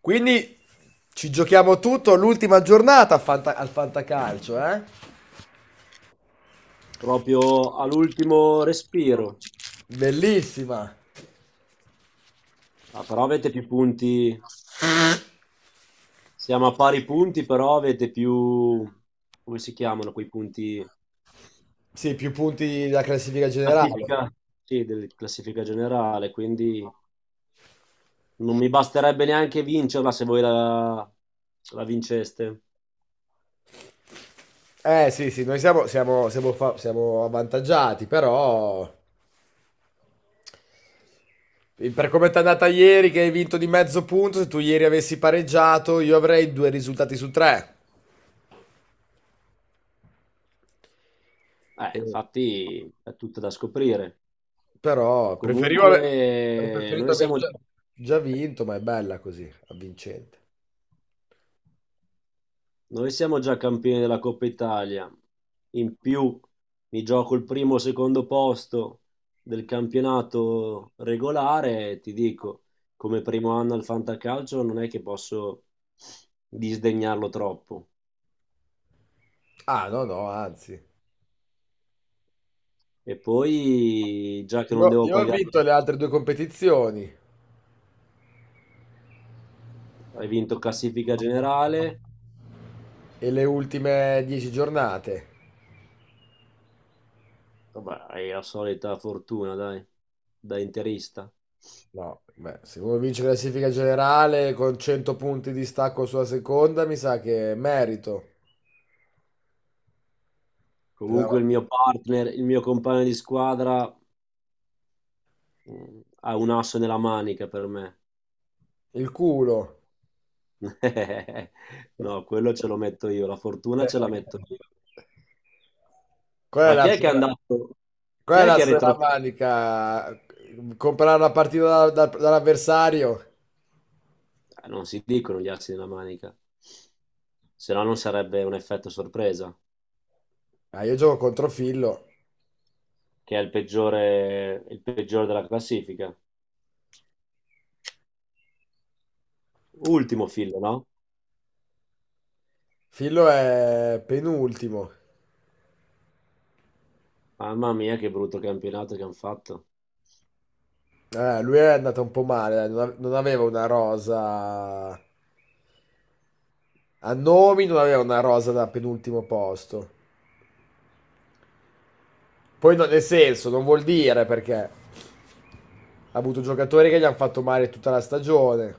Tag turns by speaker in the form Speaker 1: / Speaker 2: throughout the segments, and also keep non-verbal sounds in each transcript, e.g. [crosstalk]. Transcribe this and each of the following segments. Speaker 1: Quindi ci giochiamo tutto l'ultima giornata al Fantacalcio, eh?
Speaker 2: Proprio all'ultimo respiro.
Speaker 1: Bellissima.
Speaker 2: Ah, però avete più punti, siamo a pari punti, però avete più, come si chiamano quei punti?
Speaker 1: Sì, più punti della classifica generale.
Speaker 2: Classifica. Sì, della classifica generale, quindi non mi basterebbe neanche vincerla se voi la vinceste.
Speaker 1: Eh sì, sì, noi siamo avvantaggiati, però per come ti è andata ieri che hai vinto di mezzo punto, se tu ieri avessi pareggiato io avrei due risultati su tre. E-
Speaker 2: Infatti è tutto da scoprire.
Speaker 1: Però preferivo
Speaker 2: Comunque,
Speaker 1: avrei preferito
Speaker 2: noi
Speaker 1: aver
Speaker 2: siamo...
Speaker 1: già vinto, ma è bella così, avvincente.
Speaker 2: Noi siamo già campioni della Coppa Italia, in più mi gioco il primo o secondo posto del campionato regolare e ti dico, come primo anno al Fantacalcio non è che posso disdegnarlo troppo.
Speaker 1: Ah, no, no, anzi.
Speaker 2: E poi, già che non
Speaker 1: No,
Speaker 2: devo
Speaker 1: io ho
Speaker 2: pagare,
Speaker 1: vinto le altre due competizioni
Speaker 2: hai vinto classifica generale,
Speaker 1: e le ultime 10 giornate.
Speaker 2: vabbè, hai la solita fortuna, dai, da interista.
Speaker 1: No, beh, se uno vince la classifica generale con 100 punti di stacco sulla seconda, mi sa che è merito. Ti
Speaker 2: Comunque
Speaker 1: dava-
Speaker 2: il mio partner, il mio compagno di squadra ha un asso nella manica per me.
Speaker 1: Il culo.
Speaker 2: [laughs] No, quello ce lo metto io, la fortuna ce la
Speaker 1: [laughs]
Speaker 2: metto io.
Speaker 1: Qual è
Speaker 2: Ma chi
Speaker 1: la
Speaker 2: è che è
Speaker 1: sola,
Speaker 2: andato? Chi
Speaker 1: Qual è
Speaker 2: è
Speaker 1: la
Speaker 2: che è
Speaker 1: sola
Speaker 2: retroceduto?
Speaker 1: manica? Comprare la partita dall'avversario?
Speaker 2: Non si dicono gli assi della manica, se no non sarebbe un effetto sorpresa,
Speaker 1: Ah, io gioco contro Fillo.
Speaker 2: che è il peggiore della classifica. Ultimo filo, no?
Speaker 1: Fillo è penultimo.
Speaker 2: Mamma mia, che brutto campionato che hanno fatto.
Speaker 1: Lui è andato un po' male, dai, non aveva una rosa a nomi, non aveva una rosa da penultimo posto. Poi nel senso, non vuol dire perché ha avuto giocatori che gli hanno fatto male tutta la stagione,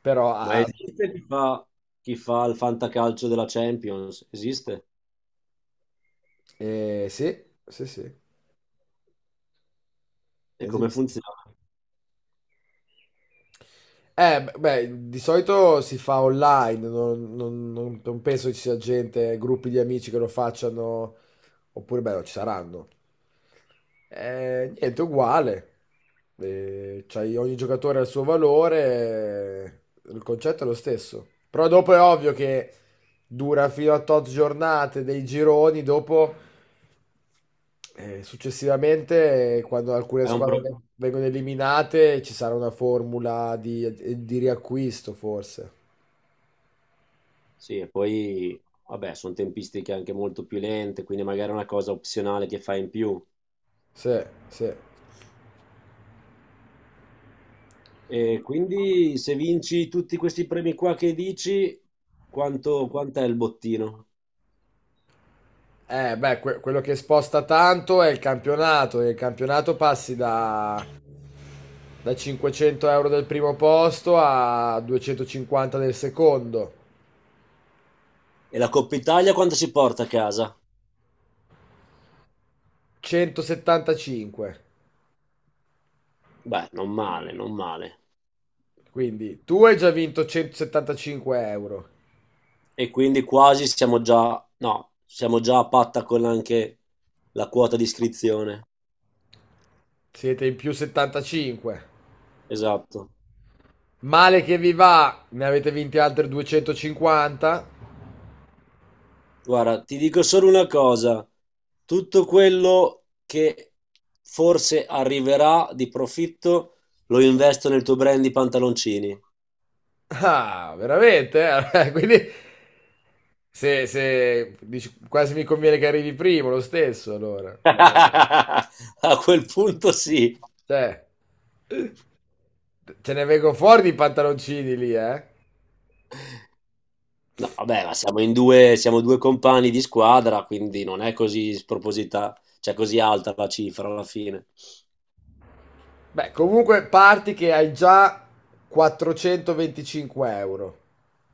Speaker 1: però
Speaker 2: Ma
Speaker 1: ha- ha-
Speaker 2: chi fa il fantacalcio della Champions? Esiste?
Speaker 1: eh, sì, sì, sì,
Speaker 2: E come
Speaker 1: esiste.
Speaker 2: funziona?
Speaker 1: Beh, di solito si fa online, non penso ci sia gente, gruppi di amici che lo facciano, oppure beh, no, ci saranno. Niente, uguale. Ogni giocatore ha il suo valore, il concetto è lo stesso. Però dopo è ovvio che dura fino a tot giornate dei gironi, dopo successivamente, quando alcune
Speaker 2: È un,
Speaker 1: squadre
Speaker 2: pro-
Speaker 1: vengono eliminate, ci sarà una formula di riacquisto, forse.
Speaker 2: Sì, e poi, vabbè, sono tempistiche anche molto più lente, quindi magari è una cosa opzionale che fai in più.
Speaker 1: Sì, sì.
Speaker 2: E quindi se vinci tutti questi premi qua che dici, quant'è il bottino?
Speaker 1: Quello che sposta tanto è il campionato. E il campionato passi da 500 euro del primo posto a 250 del secondo.
Speaker 2: E la Coppa Italia quanto si porta a casa?
Speaker 1: 175.
Speaker 2: Beh, non male, non male.
Speaker 1: Quindi tu hai già vinto 175 euro.
Speaker 2: E quindi quasi siamo già, no, siamo già a patta con anche la quota di iscrizione.
Speaker 1: Siete in più 75.
Speaker 2: Esatto.
Speaker 1: Male che vi va, ne avete vinti altri 250.
Speaker 2: Guarda, ti dico solo una cosa, tutto quello che forse arriverà di profitto lo investo nel tuo brand di pantaloncini.
Speaker 1: Ah, veramente? Eh? [laughs] Quindi se dici, quasi mi conviene che arrivi primo lo stesso, allora.
Speaker 2: [laughs] A quel punto sì.
Speaker 1: Cioè, ce ne vengono fuori di pantaloncini lì, eh?
Speaker 2: No, vabbè, ma siamo in due, siamo due compagni di squadra, quindi non è così sproposita, cioè così alta la cifra alla fine.
Speaker 1: Beh, comunque parti che hai già 425 euro.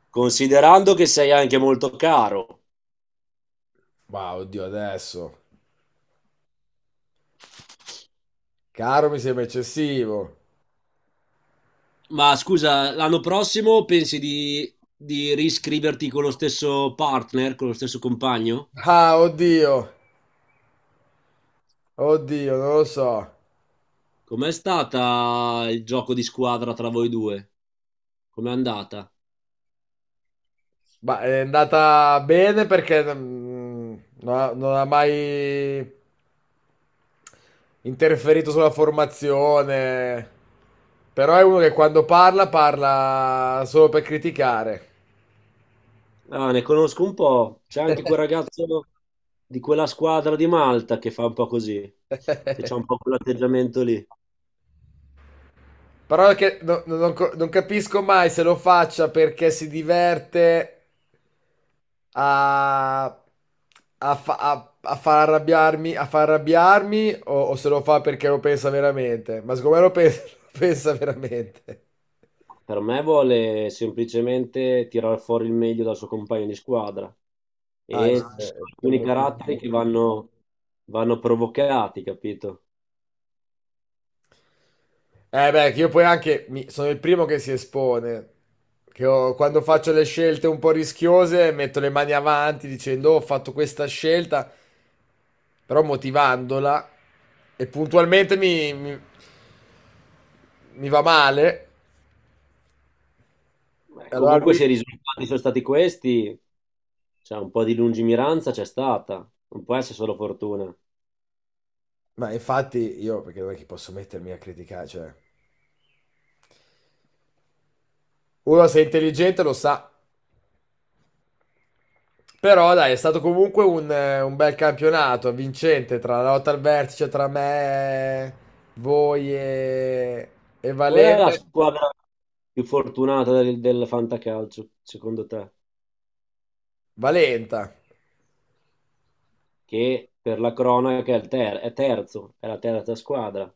Speaker 2: Considerando che sei anche molto caro.
Speaker 1: Ma oddio, adesso. Caro, mi sembra eccessivo.
Speaker 2: Ma scusa, l'anno prossimo pensi di riscriverti con lo stesso partner, con lo stesso compagno?
Speaker 1: Ah, oddio. Oddio, non lo so.
Speaker 2: Com'è stata il gioco di squadra tra voi due? Com'è andata?
Speaker 1: Ma è andata bene perché non ha mai interferito sulla formazione. Però è uno che quando parla, parla solo per criticare.
Speaker 2: Ah, ne conosco un po'. C'è anche quel
Speaker 1: [laughs]
Speaker 2: ragazzo di quella squadra di Malta che fa un po' così, che c'ha un po' quell'atteggiamento lì.
Speaker 1: Parola che non capisco mai se lo faccia perché si diverte a, a far arrabbiarmi o se lo fa perché lo pensa veramente. Ma secondo me lo pensa, [laughs] lo pensa veramente.
Speaker 2: Per me vuole semplicemente tirar fuori il meglio dal suo compagno di squadra.
Speaker 1: Ah,
Speaker 2: E ci sono
Speaker 1: è per
Speaker 2: alcuni
Speaker 1: motivare.
Speaker 2: vanno provocati, capito?
Speaker 1: Eh beh, che io poi anche sono il primo che si espone. Quando faccio le scelte un po' rischiose metto le mani avanti dicendo: "Oh, ho fatto questa scelta. Però motivandola e puntualmente mi va male,
Speaker 2: Beh,
Speaker 1: e allora
Speaker 2: comunque
Speaker 1: lui..."
Speaker 2: se i risultati sono stati questi, cioè un po' di lungimiranza c'è stata, non può essere solo fortuna.
Speaker 1: Ma infatti io, perché non è che posso mettermi a criticare, cioè. Uno se è intelligente lo sa, però dai, è stato comunque un bel campionato, vincente, tra la lotta al vertice, cioè tra me, voi e
Speaker 2: Qual è la
Speaker 1: Valente.
Speaker 2: squadra più fortunata del fantacalcio, secondo te?
Speaker 1: Valenta.
Speaker 2: Che per la cronaca è terzo, è la terza squadra.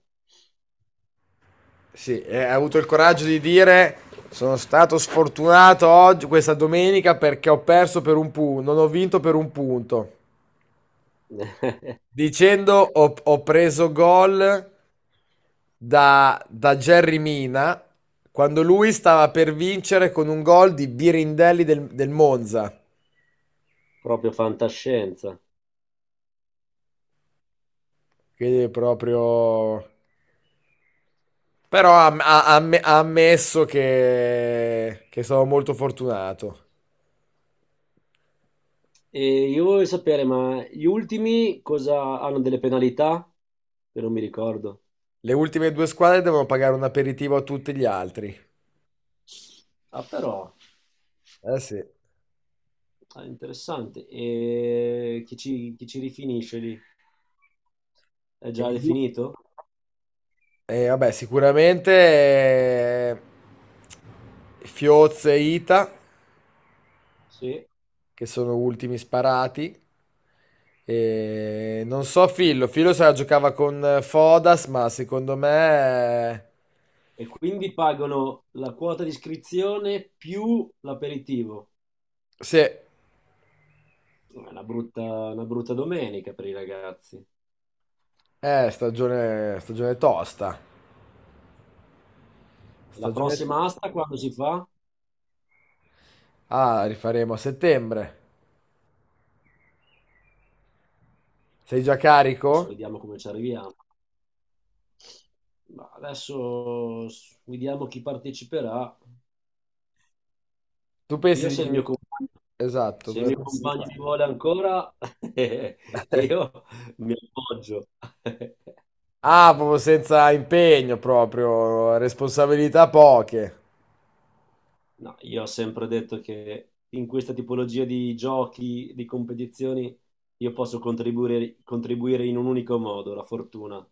Speaker 1: Sì, e ha avuto il coraggio di dire: Sono stato sfortunato oggi, questa domenica, perché ho perso per un punto, non ho vinto per un punto.
Speaker 2: [laughs]
Speaker 1: Dicendo: Ho preso gol da Jerry Mina quando lui stava per vincere con un gol di Birindelli del Monza.
Speaker 2: Proprio fantascienza.
Speaker 1: Quindi è proprio. Però ha ammesso che sono molto fortunato.
Speaker 2: E io voglio sapere, ma gli ultimi cosa hanno delle penalità? Che non mi ricordo.
Speaker 1: Le ultime due squadre devono pagare un aperitivo a tutti gli altri.
Speaker 2: Ah, però.
Speaker 1: Eh sì. E,
Speaker 2: Ah, interessante. E chi ci rifinisce lì? È già
Speaker 1: lui-
Speaker 2: definito?
Speaker 1: vabbè, sicuramente Fioz e Ita,
Speaker 2: Sì.
Speaker 1: che sono ultimi sparati. E non so Fillo se la giocava con Fodas, ma secondo me.
Speaker 2: E quindi pagano la quota di iscrizione più l'aperitivo.
Speaker 1: Sì,
Speaker 2: È una una brutta domenica per i ragazzi. E
Speaker 1: è stagione tosta.
Speaker 2: la
Speaker 1: Stagione
Speaker 2: prossima
Speaker 1: tosta.
Speaker 2: asta quando si fa?
Speaker 1: Ah, rifaremo a settembre. Sei già
Speaker 2: Adesso
Speaker 1: carico?
Speaker 2: vediamo come ci arriviamo. Ma vediamo chi parteciperà.
Speaker 1: Tu pensi
Speaker 2: Io se il mio,
Speaker 1: di.
Speaker 2: com-
Speaker 1: Esatto,
Speaker 2: Se il
Speaker 1: cosa
Speaker 2: mio
Speaker 1: pensi di
Speaker 2: compagno mi
Speaker 1: fare?
Speaker 2: vuole ancora, [laughs] io mi appoggio. [laughs]
Speaker 1: Ah, proprio senza impegno proprio, responsabilità poche.
Speaker 2: No, io ho sempre detto che in questa tipologia di giochi, di competizioni, io posso contribuire in un unico modo, la fortuna.